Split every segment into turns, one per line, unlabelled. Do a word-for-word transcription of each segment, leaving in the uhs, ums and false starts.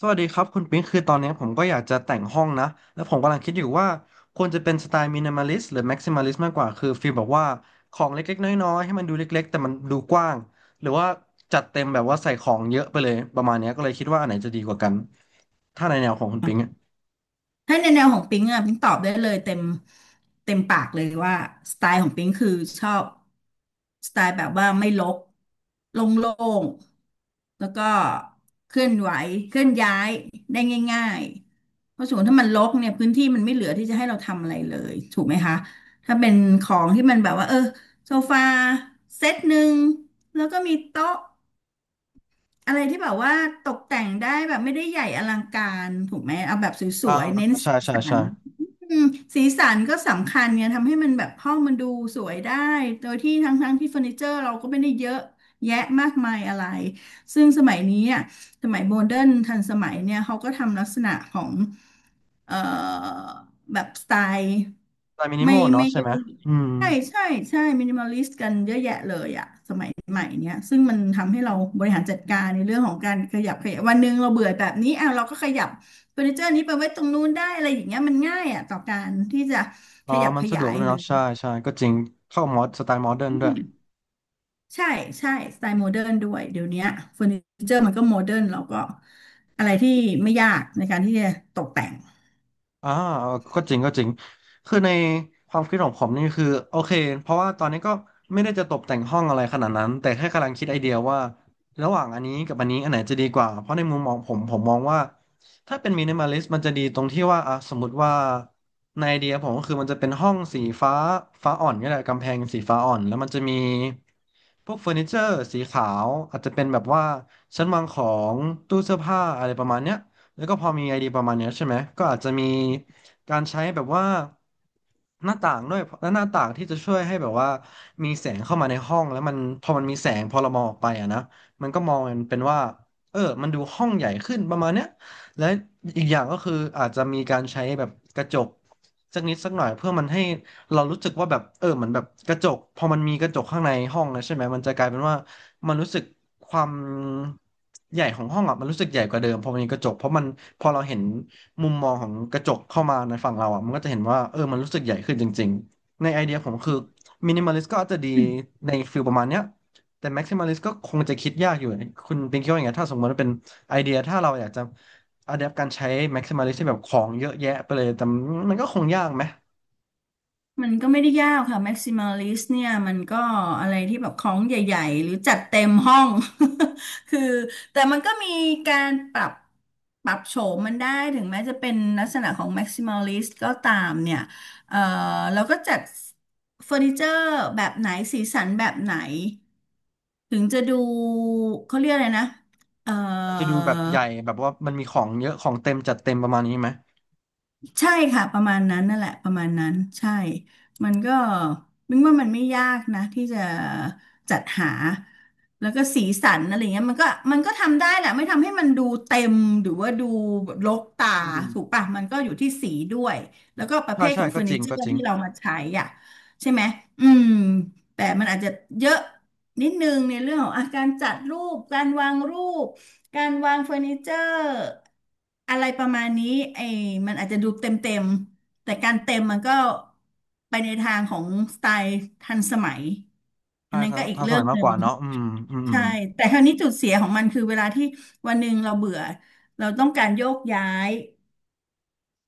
สวัสดีครับคุณปิ๊งคือตอนนี้ผมก็อยากจะแต่งห้องนะแล้วผมกำลังคิดอยู่ว่าควรจะเป็นสไตล์มินิมอลิสต์หรือแม็กซิมอลิสต์มากกว่าคือฟีลแบบว่าของเล็กๆน้อยๆให้มันดูเล็กๆแต่มันดูกว้างหรือว่าจัดเต็มแบบว่าใส่ของเยอะไปเลยประมาณเนี้ยก็เลยคิดว่าอันไหนจะดีกว่ากันถ้าในแนวของคุณปิ๊งอะ
ถ้าในแนวของปิ๊งอะปิ๊งตอบได้เลยเต็มเต็มปากเลยว่าสไตล์ของปิ๊งคือชอบสไตล์แบบว่าไม่รกโล่งๆแล้วก็เคลื่อนไหวเคลื่อนย้ายได้ง่ายๆเพราะสมมติถ้ามันรกเนี่ยพื้นที่มันไม่เหลือที่จะให้เราทำอะไรเลยถูกไหมคะถ้าเป็นของที่มันแบบว่าเออโซฟาเซตหนึ่งแล้วก็มีโต๊ะ อะไรที่แบบว่าตกแต่งได้แบบไม่ได้ใหญ่อลังการถูกไหมเอาแบบส
อ่า
วยๆเน้น
ใช่
สี
ใช่
สั
ใช่
นอืมสีสันก็สำคัญไงทำให้มันแบบห้องมันดูสวยได้โดยที่ทั้งๆที่เฟอร์นิเจอร์เราก็ไม่ได้เยอะแยะมากมายอะไรซึ่งสมัยนี้อ่ะสมัยโมเดิร์นทันสมัยเนี่ยเขาก็ทำลักษณะของเอ่อแบบสไตล์
สไตล์มินิม
ไม่
อล
ไม่
เนาะใช่ไหมอืม
ใช่ใช่ใช่มินิมอลิสต์กันเยอะแยะเลยอะสมัยใหม่เนี้ยซึ่งมันทำให้เราบริหารจัดการในเรื่องของการขยับขยับวันหนึ่งเราเบื่อแบบนี้อ่ะเราก็ขยับเฟอร์นิเจอร์นี้ไปไว้ตรงนู้นได้อะไรอย่างเงี้ยมันง่ายอะต่อการที่จะข
อ่า
ยับ
มั
ข
นสะด
ยา
วก
ย
ด้วย
หรือ
เนาะใช่ใช่ก็จริงเข้ามอดสไตล์โมเดิร์น
อื
ด้วย
มใช่ใช่สไตล์โมเดิร์นด้วยเดี๋ยวเนี้ยเฟอร์นิเจอร์มันก็โมเดิร์นเราก็อะไรที่ไม่ยากในการที่จะตกแต่ง
อ่าก็จริงก็จริงคือในความคิดของผมนี่คือโอเคเพราะว่าตอนนี้ก็ไม่ได้จะตกแต่งห้องอะไรขนาดนั้นแต่แค่กำลังคิดไอเดียว่าระหว่างอันนี้กับอันนี้อันไหนจะดีกว่าเพราะในมุมมองผมผมมองว่าถ้าเป็นมินิมอลิสต์มันจะดีตรงที่ว่าอ่ะสมมติว่าในไอเดียผมก็คือมันจะเป็นห้องสีฟ้าฟ้าอ่อนก็ได้กำแพงสีฟ้าอ่อนแล้วมันจะมีพวกเฟอร์นิเจอร์สีขาวอาจจะเป็นแบบว่าชั้นวางของตู้เสื้อผ้าอะไรประมาณเนี้ย แล้วก็พอมีไอเดียประมาณเนี้ยใช่ไหมก็อาจจะมีการใช้แบบว่าหน้าต่างด้วยและหน้าต่างที่จะช่วยให้แบบว่ามีแสงเข้ามาในห้องแล้วมันพอมันมีแสงพอเรามองออกไปอะนะมันก็มองมันเป็นว่าเออมันดูห้องใหญ่ขึ้นประมาณเนี้ยและอีกอย่างก็คืออาจจะมีการใช้แบบกระจกสักนิดสักหน่อยเพื่อมันให้เรารู้สึกว่าแบบเออเหมือนแบบกระจกพอมันมีกระจกข้างในห้องนะใช่ไหมมันจะกลายเป็นว่า มันรู้สึกความใหญ่ของห้องอ่ะมันรู้สึกใหญ่กว่าเดิมพอมันมีกระจกเพราะมันพอเราเห็นมุมมองของกระจกเข้ามาในฝั่งเราอ่ะมันก็จะเห็นว่าเออมันรู้สึกใหญ่ขึ้นจริงๆในไอเดียผมคือมินิมอลิสก็อาจจะดีในฟิลประมาณเนี้ยแต่แม็กซิมอลิสก็คงจะคิดยากอยู่คุณเปินคิดว่าอย่างไงถ้าสมมติว่าเป็นไอเดียถ้าเราอยากจะอะแดปการใช้แม็กซิมอลิสที่แบบของเยอะแยะไปเลยแต่มันก็คงยากไหม
มันก็ไม่ได้ยากค่ะ maximalist เนี่ยมันก็อะไรที่แบบของใหญ่ๆหรือจัดเต็มห้อง คือแต่มันก็มีการปรับปรับโฉมมันได้ถึงแม้จะเป็นลักษณะของ maximalist ก็ตามเนี่ยเอ่อเราก็จัดเฟอร์นิเจอร์แบบไหนสีสันแบบไหนถึงจะดูเขาเรียกอะไรนะเอ่อ
มันจะดูแบบใหญ่แบบว่ามันมีของเยอะของเต็มจัดเต็มประมาณนี้ไหม
ใช่ค่ะประมาณนั้นนั่นแหละประมาณนั้นใช่ มันก็มิงว่ามันไม่ยากนะที่จะจัดหาแล้วก็สีสันอะไรเงี้ยมันก็มันก็ทำได้แหละไม่ทำให้มันดูเต็มหรือว่าดูรกตา
อืม
ถูกปะมันก็อยู่ที่สีด้วยแล้วก็ประเภ
ใช่
ท
ใช่
ของเฟ
ก็
อร์
จ
นิ
ริง
เจอ
ก็
ร์
จริง
ที่เรามาใช้อ่ะใช่ไหมอืมแต่มันอาจจะเยอะนิดนึงในเรื่องของอาการจัดรูปการวางรูป การวางเฟอร์นิเจอร์อะไรประมาณนี้ไอ้มันอาจจะดูเต็มเต็มแต่การเต็มมันก็ไปในทางของสไตล์ทันสมัยอั
ใช่
นนั้น
ทัน
ก็อีก
ทันส
เรื่อ
มั
ง
ย
ห
มาก
นึ่
ก
ง
ว่าเนาะอืมอืม อื
ใช่
ม
แต่คราวนี้จุดเสียของมันคือเวลาที่วันหนึ่งเราเบื่อเราต้องการโยกย้าย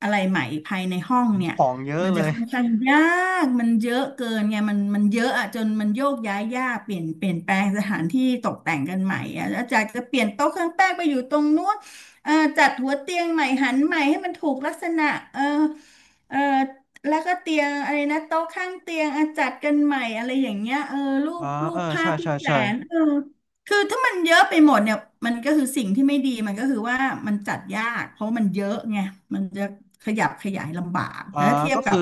อะไรใหม่ภายในห้องเนี่ย
ของเยอะ
มัน
เล
จะ
ย
ค่อนข้างยากมันเยอะเกินไงมันมันเยอะอะจนมันโยกย้ายยากเปลี่ยนเปลี่ยนแปลงสถานที่ตกแต่งกันใหม่อะอาจารย์จะเปลี่ยนโต๊ะเครื่องแป้งไปอยู่ตรงนู้นเอ่อจัดหัวเตียงใหม่หันใหม่ให้มันถูกลักษณะเออเออแล้วก็เตียงอะไรนะโต๊ะข้างเตียงอะจัดกันใหม่อะไรอย่างเงี้ยเออรู
อ่า
ปรู
เอ
ป
อ
ภา
ใช่
พที่
ใช่
แขว
ใช่
นเออ คือถ้ามันเยอะไปหมดเนี่ยมันก็คือสิ่งที่ไม่ดีมันก็คือว่ามันจัดยากเพราะมันเยอะไงมันจะขยับขยายลำบาก
อ่า
แต่ถ้าเทีย
ก็
บกั
คือ
บ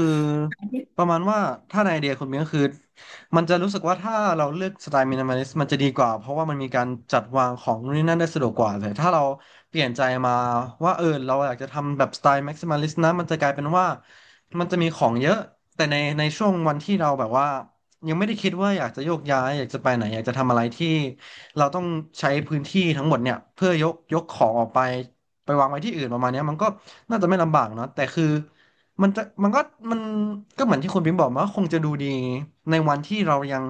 อันที่
ประมาณว่าถ้าในไอเดียคุณเมียก็คือมันจะรู้สึกว่าถ้าเราเลือกสไตล์มินิมอลิสต์มันจะดีกว่าเพราะว่ามันมีการจัดวางของนู่นนี่นั่นได้สะดวกกว่าเลยถ้าเราเปลี่ยนใจมาว่าเออเราอยากจะทำแบบสไตล์แม็กซิมัลิสต์นะมันจะกลายเป็นว่ามันจะมีของเยอะแต่ในในช่วงวันที่เราแบบว่ายังไม่ได้คิดว่าอยากจะโยกย้ายอยากจะไปไหนอยากจะทำอะไรที่เราต้องใช้พื้นที่ทั้งหมดเนี่ยเพื่อยกยกของออกไปไปวางไว้ที่อื่นประมาณเนี้ยมันก็น่าจะไม่ลำบากเนาะแต่คือ มันจะมันก็มันก็เหมือนที่คุณพิมพ์บอกมาว่าคงจะดูดีในวันที่เรายัง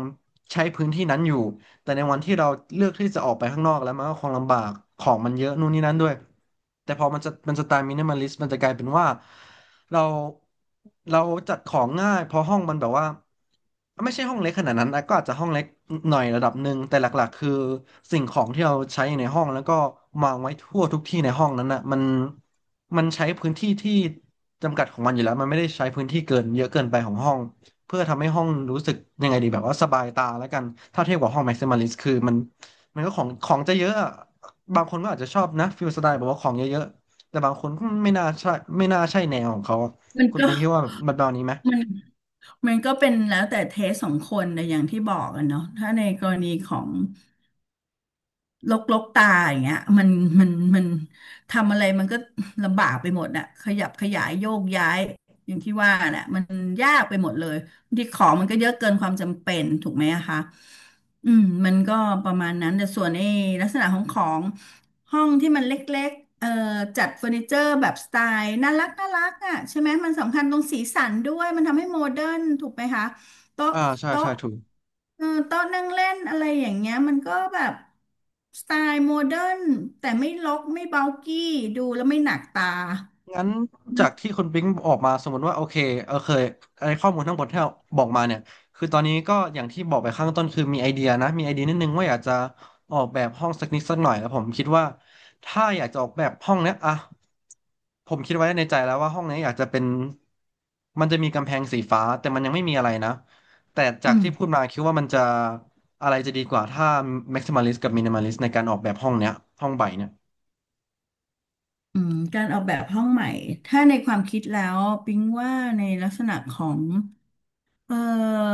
ใช้พื้นที่นั้นอยู่ แต่ในวันที่เราเลือกที่จะออกไปข้างนอกแล้วมันก็คงลำบากของมันเยอะนู่นนี่นั่นด้วยแต่พอมันจะมันจะตายมินิมอลิสมันจะกลายเป็นว่าเราเราจัดของง่ายเพราะห้องมันแบบว่าไม่ใช่ห้องเล็กขนาดนั้นนะก็อาจจะห้องเล็กหน่อยระดับหนึ่งแต่หลักๆคือสิ่งของที่เราใช้ในห้องแล้วก็วางไว้ทั่วทุกที่ในห้องนั้นนะมันมันใช้พื้นที่ที่จำกัดของมันอยู่แล้วมันไม่ได้ใช้พื้นที่เกินเยอะเกินไปของห้อง เพื่อทำให้ห้องรู้สึกยังไงดีแบบว่าสบายตาแล้วกันถ้าเทียบกับห้อง maximalist คือมันมันก็ของของจะเยอะอะบางคนก็อาจจะชอบนะฟิลสไตล์แบบว่าของเยอะๆแต่บางคนก็ไม่น่าใช่ไม่น่าใช่แนวของเขาอะ
มัน
คุณ
ก็
ปิงคิดว่าแบบแบบนี้ไหม
มันมันก็เป็นแล้วแต่เทสของคนแต่อย่างที่บอกกันเนาะถ้าในกรณีของ ลกลกตาอย่างเงี้ยมันมันมันทำอะไรมันก็ลำบากไปหมดน่ะขยับขยายโยกย้ายอย่างที่ว่าน่ะมันยากไปหมดเลยบางที่ของมันก็เยอะเกินความจำเป็นถูกไหมอะคะอืมมันก็ประมาณนั้นแต่ส่วนไอ้ลักษณะของของห้องที่มันเล็กๆเอ่อจัดเฟอร์นิเจอร์แบบสไตล์น่ารักน่ารักอ่ะใช่ไหมมันสำคัญตรงสีสันด้วยมันทำให้โมเดิร์นถูกไหมคะ โต๊ะ
อ่าใช่ใช่
โต๊ะ
ถูก
เออโต๊ะนั่งเล่นอะไรอย่างเงี้ยมันก็แบบสไตล์โมเดิร์นแต่ไม่รกไม่เบากี้ดูแล้วไม่หนักตา
งั้นจากที่
อ
คุณปิ๊งออกมาสมมติว่าโอเคเออเคยไอข้อมูลทั้งหมดที่เราบอกมาเนี่ยคือตอนนี้ก็อย่างที่บอกไปข้างต้นคือมีไอเดียนะมีไอเดียนิดนึงว่าอยากจะออกแบบห้องสักนิดสักหน่อยแล้วผมคิดว่าถ้าอยากจะออกแบบห้องเนี้ยอ่ะผมคิดไว้ในใจแล้วว่าห้องเนี้ยอยากจะเป็นมันจะมีกำแพงสีฟ้าแต่มันยังไม่มีอะไรนะแต่จาก
ืม
ที่พูดมาคิดว่ามันจะอะไรจะดีกว่าถ้า maximalist กับ minimalist ในการออกแบบห้องเนี้ยห้องใบเนี่ย
อืมการออกแบบห้องใหม่ถ้าในความคิดแล้วปิ๊งว่าในลักษณะของ เอ่อ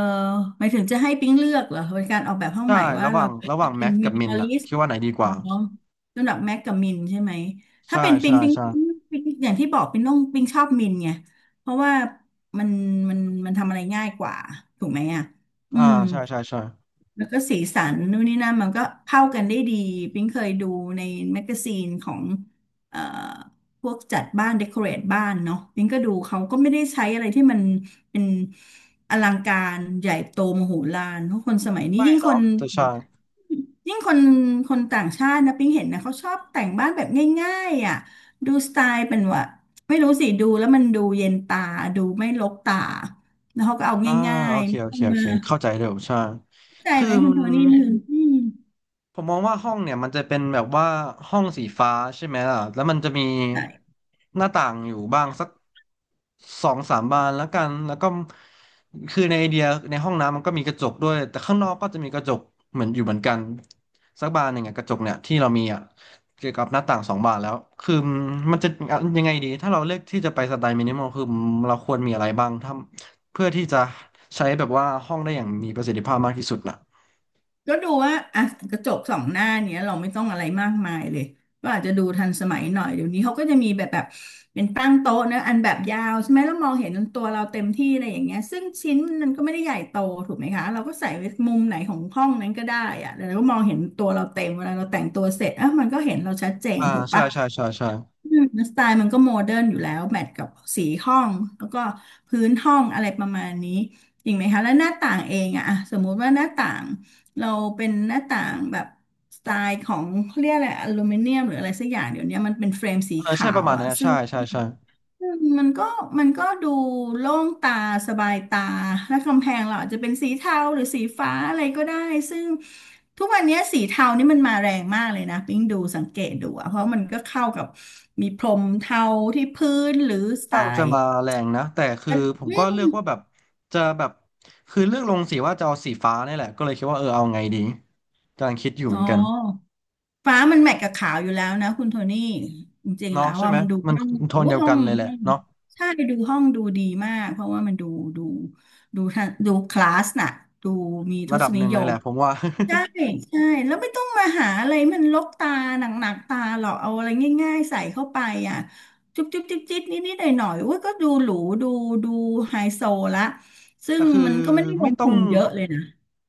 หมายถึงจะให้ปิ๊งเลือกเหรอเป็นการออกแบบห้อง
ใช่
ใหม่ว่า
ระห
เรา
ว่าง
เ
ระหว่าง
ป็
แม็
น
ก
มิ
กับ
นิ
มิ
ม
น
อลิ
อะ
สต์
คิดว่าไหนดีก
อ๋
ว่า
อระดับแม็กกับมินใช่ไหมถ้า
ใช่
เป็นปิ๊
ใช่
งปิ๊ง
ใช่
ปิ๊งปิ๊งอย่างที่บอกปิ๊งต้องปิ๊งชอบมินไงเพราะว่ามันมันมันทำอะไรง่ายกว่าถูกไหมอ่ะอื
อ่า
ม
ใช่ใช่ใช่
แล้วก็สีสันนู่นนี่นั่นมันก็เข้ากันได้ดีปิ๊งเคยดูในแมกกาซีนของเอ่อพวกจัดบ้านเดคอเรทบ้านเนาะปิ๊งก็ดูเขาก็ไม่ได้ใช้อะไรที่มันเป็นอลังการใหญ่โตมโหฬารเพราะคนสมัยนี้
ไม่
ยิ่งค
เนาะ
น
แต่ใช่
ยิ่งคนคนต่างชาตินะปิ๊งเห็นนะเขาชอบแต่งบ้านแบบง่ายๆอ่ะดูสไตล์เป็นว่าไม่รู้สิดูแล้วมันดูเย็นตาดูไม่รกตาแล้วเขาก็เอา
อ่า
ง่า
โอ
ย
เคโอ
ๆ่
เคโอ
มา
เคเข้าใจเร็วใช่
ใจ
คือ
ไหมคุณ
มัน
โทนี่อืออืม
ผมมองว่าห้องเนี่ยมันจะเป็นแบบว่าห้องสีฟ้าใช่ไหมล่ะแล้วมันจะมี
ใช่
หน้าต่างอยู่บ้างสักสองสามบานแล้วกันแล้วก็คือในไอเดียในห้องน้ำมันก็มีกระจกด้วยแต่ข้างนอกก็จะมีกระจกเหมือนอยู่เหมือนกันสักบานหนึ่งอะกระจกเนี่ยที่เรามีอะเกี่ยวกับหน้าต่างสองบานแล้วคือมันจะยังไงดีถ้าเราเลือกที่จะไปสไตล์มินิมอลคือเราควรมีอะไรบ้างถ้าเพื่อที่จะใช้แบบว่าห้องได้อย่างมีประสิทธิภาพมากที่สุดนะ
ก็ดูว่าอ่ะกระจกสองหน้าเนี้ยเราไม่ต้องอะไรมากมายเลยก็อาจจะดูทันสมัยหน่อยเดี๋ยวนี้เขาก็จะมีแบบแบบเป็นตั้งโต๊ะนะอันแบบยาวใช่ไหมแล้วมองเห็นตัวเราเต็มที่อะไรอย่างเงี้ยซึ่งชิ้นมันก็ไม่ได้ใหญ่โตถูกไหมคะเราก็ใส่ไว้มุมไหนของห้องนั้นก็ได้อะแล้วเราก็มองเห็นตัวเราเต็มเวลาเราแต่งตัวเสร็จอ่ะมันก็เห็นเราชัดเจน
อ่า
ถูก
ใช่
ปะ
ใช่ใช่ใช่
อืมสไตล์มันก็โมเดิร์นอยู่แล้วแมทกับสีห้องแล้วก็พื้นห้องอะไรประมาณนี้จริงไหมคะแล้วหน้าต่างเองอะอะสมมุติว่าหน้าต่างเราเป็นหน้าต่างแบบสไตล์ของเขาเรียกอะไรอลูมิเนียมหรืออะไรสักอย่างเดี๋ยวนี้มันเป็นเฟรมสี
เออใช่
ขา
ประ
ว
มาณ
อะ
เนี้ย
ซึ่ง
ใช่ใช่ใช่
อืมมันก็มันก็ดูโล่งตาสบายตาและกำแพงเราอาจจะเป็นสีเทาหรือสีฟ้าอะไรก็ได้ซึ่งทุกวันนี้สีเทานี่มันมาแรงมากเลยนะปิ๊งดูสังเกตดูอะเพราะมันก็เข้ากับมีพรมเทาที่พื้นหรือสไต
ค่อนข้างจะ
ล์
มาแรงนะแต่คือ
อ
ผมก็เลือกว่าแบบจะแบบคือเลือกลงสีว่าจะเอาสีฟ้าเนี่ยแหละก็เลยคิดว่าเออเอาไงดีกำลังคิดอยู่เห
๋
มือ
อ
นกัน
ฟ้ามันแมทกับขาวอยู่แล้วนะคุณโทนี่จริงๆ
เนาะ
แล้ว
ใช่
ว่า
ไหม
มันดู
มัน
ห้อง
โท
โอ้
นเดียว
ห้อ
กั
ง
นเลยแหละ
ห้อง
เนาะ
ใช่ดูห้องดูดีมากเพราะว่ามันดูดูดูทดูคลาสน่ะดูมีท
ระดั
ศ
บห
นิ
นึ่ง
ย
เลยแห
ม
ละผมว่า
ใช่ใช่แล้วไม่ต้องมาหาอะไรมันลกตาหนักๆตาหรอกเอาอะไรง่ายๆใส่เข้าไปอ่ะจุ๊บจุ๊บจิ๊บจิ๊บนิดนิดหน่อยหน่อยๆอุ้ยก็ดูหรูดูดูไฮโซละ ซึ่
แต่
ง
คือ
มันก็ไม่ได้ล
ไม่
ง
ต้อ
ทุ
ง
นเยอะเลยนะ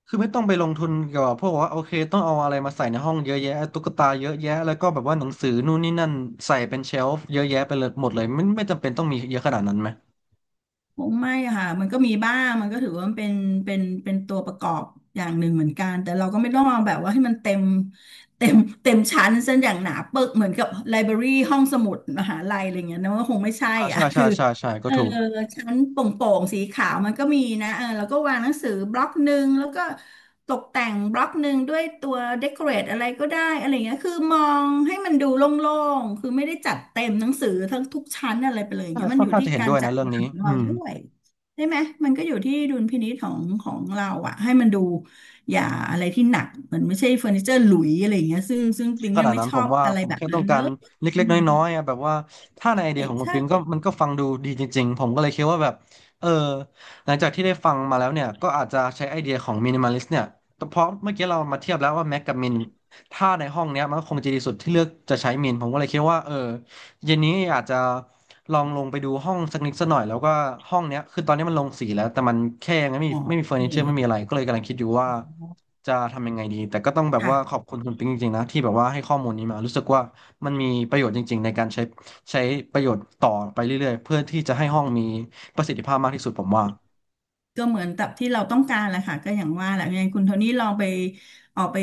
คือไม่ต้องไปลงทุนเกี่ยวกับพวกว่าโอเคต้องเอาอะไรมาใส่ในห้องเยอะแยะตุ๊กตาเยอะแยะแล้วก็แบบว่าหนังสือนู่นนี่นั่นใส่เป็นเชลฟ์เยอะแยะไปเลยหมดเลยไม่ไม่จำเป็นต้องมีเยอะขนาดนั้นไหม
คงไม่อะค่ะมันก็มีบ้างมันก็ถือว่ามันเป็นเป็นเป็นตัวประกอบอย่างหนึ่งเหมือนกันแต่เราก็ไม่ต้องเอาแบบว่าให้มันเต็มเต็มเต็มชั้นเส้นอย่างหนาปึกเหมือนกับไลบรารีห้องสมุดมหาลัยอะไรเงี้ยนะว่าคงไม่ใช่
อ่า
อ่ะ
ใช่ใช่
คือ
ใช่ใช่ก็
เออ
ถูก
ชั้นโป่งๆสีขาวมันก็มีนะเออแล้วก็วางหนังสือบล็อกหนึ่งแล้วก็ตกแต่งบล็อกหนึ่งด้วยตัวเดคอเรทอะไรก็ได้อะไรเงี้ยคือมองให้มันดูโล่งๆคือไม่ได้จัดเต็มหนังสือทั้งทุกชั้นอะไรไปเลย
ใช่
เงี้ยมัน
ค่อ
อ
น
ยู่
ข้าง
ที่
จะเห็น
กา
ด้
ร
วย
จั
นะ
ด
เรื่อง
วา
นี้
งของ
อื
เรา
ม
ด้วยใช่ไหมมันก็อยู่ที่ดุลพินิจของของเราอะให้มันดูอย่าอะไรที่หนักมันไม่ใช่เฟอร์นิเจอร์หลุยอะไรเงี้ยซึ่งซึ่งปิง
ข
อะ
นาด
ไม่
นั้น
ช
ผ
อ
ม
บ
ว่า
อะไร
ผม
แบบ
แค่ต้
นั้
อง
นเล
การ
ย
เล็กๆน้อยๆอะแบบว่าถ้าในไอ
ใช่
เดียของคุณ
ใช่
ปิงก็มันก็ฟังดูดีจริงๆผมก็เลยคิดว่าแบบเออหลังจากที่ได้ฟังมาแล้วเนี่ยก็อาจจะใช้ไอเดียของมินิมอลิสเนี่ยแต่เพราะเมื่อกี้เรามาเทียบแล้วว่าแม็กกับมินถ้าในห้องเนี้ยมันก็คงจะดีสุดที่เลือกจะใช้มินผมก็เลยคิดว่าเออ เย็นนี้อาจจะลองลงไปดูห้องสักนิดสักหน่อยแล้วก็ห้องเนี้ยคือตอนนี้มันลงสีแล้วแต่มันแค่ยังไม่มี
อ๋อ
ไม่มี
โอ
เฟอ
เค
ร์นิเจอร์ไม่มีอะไรก็เลยกำลังคิดอยู่ว่าจะทำยังไงดีแต่ก็ต้องแบบว่าขอ
ค่ะ
บคุณคุณปิ๊งจริงๆนะที่แบบว่าให้ข้อมูลนี้มารู้สึกว่ามันมีประโยชน์จริงๆในการใช้ใช้ประโยชน์ต่อไปเรื่อยๆเพื่อที่จะให้ห้องมีประสิทธิภาพมากที่สุดผมว่า
ก็เหมือนกับที่เราต้องการแหละค่ะก็อย่างว่าแหละยังไงคุณโทนี่ลองไปออกไป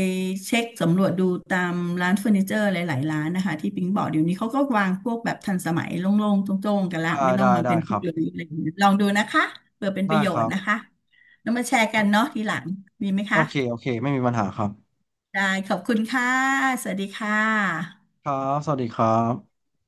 เช็คสำรวจดูตามร้านเฟอร์นิเจอร์หลายๆร้านนะคะที่ปิงบอกเดี๋ยวนี้เขาก็วางพวกแบบทันสมัยโล่งๆโจ้งๆกันละ
ได้
ไม่ต้อง
ได้
มาเป็
ได้
น
ค
ผู้
รับ
เดียวอะไรอย่างเงี้ยลองดูนะคะเผื่อเป็นป
ได้
ระโย
ค
ช
รั
น์
บ
นะคะแล้วมาแชร์กันเนาะทีหลังดีไหม
โอ
คะ
เคโอเคไม่มีปัญหาครับ
ได้ขอบคุณค่ะสวัสดีค่ะ
ครับสวัสดีครับ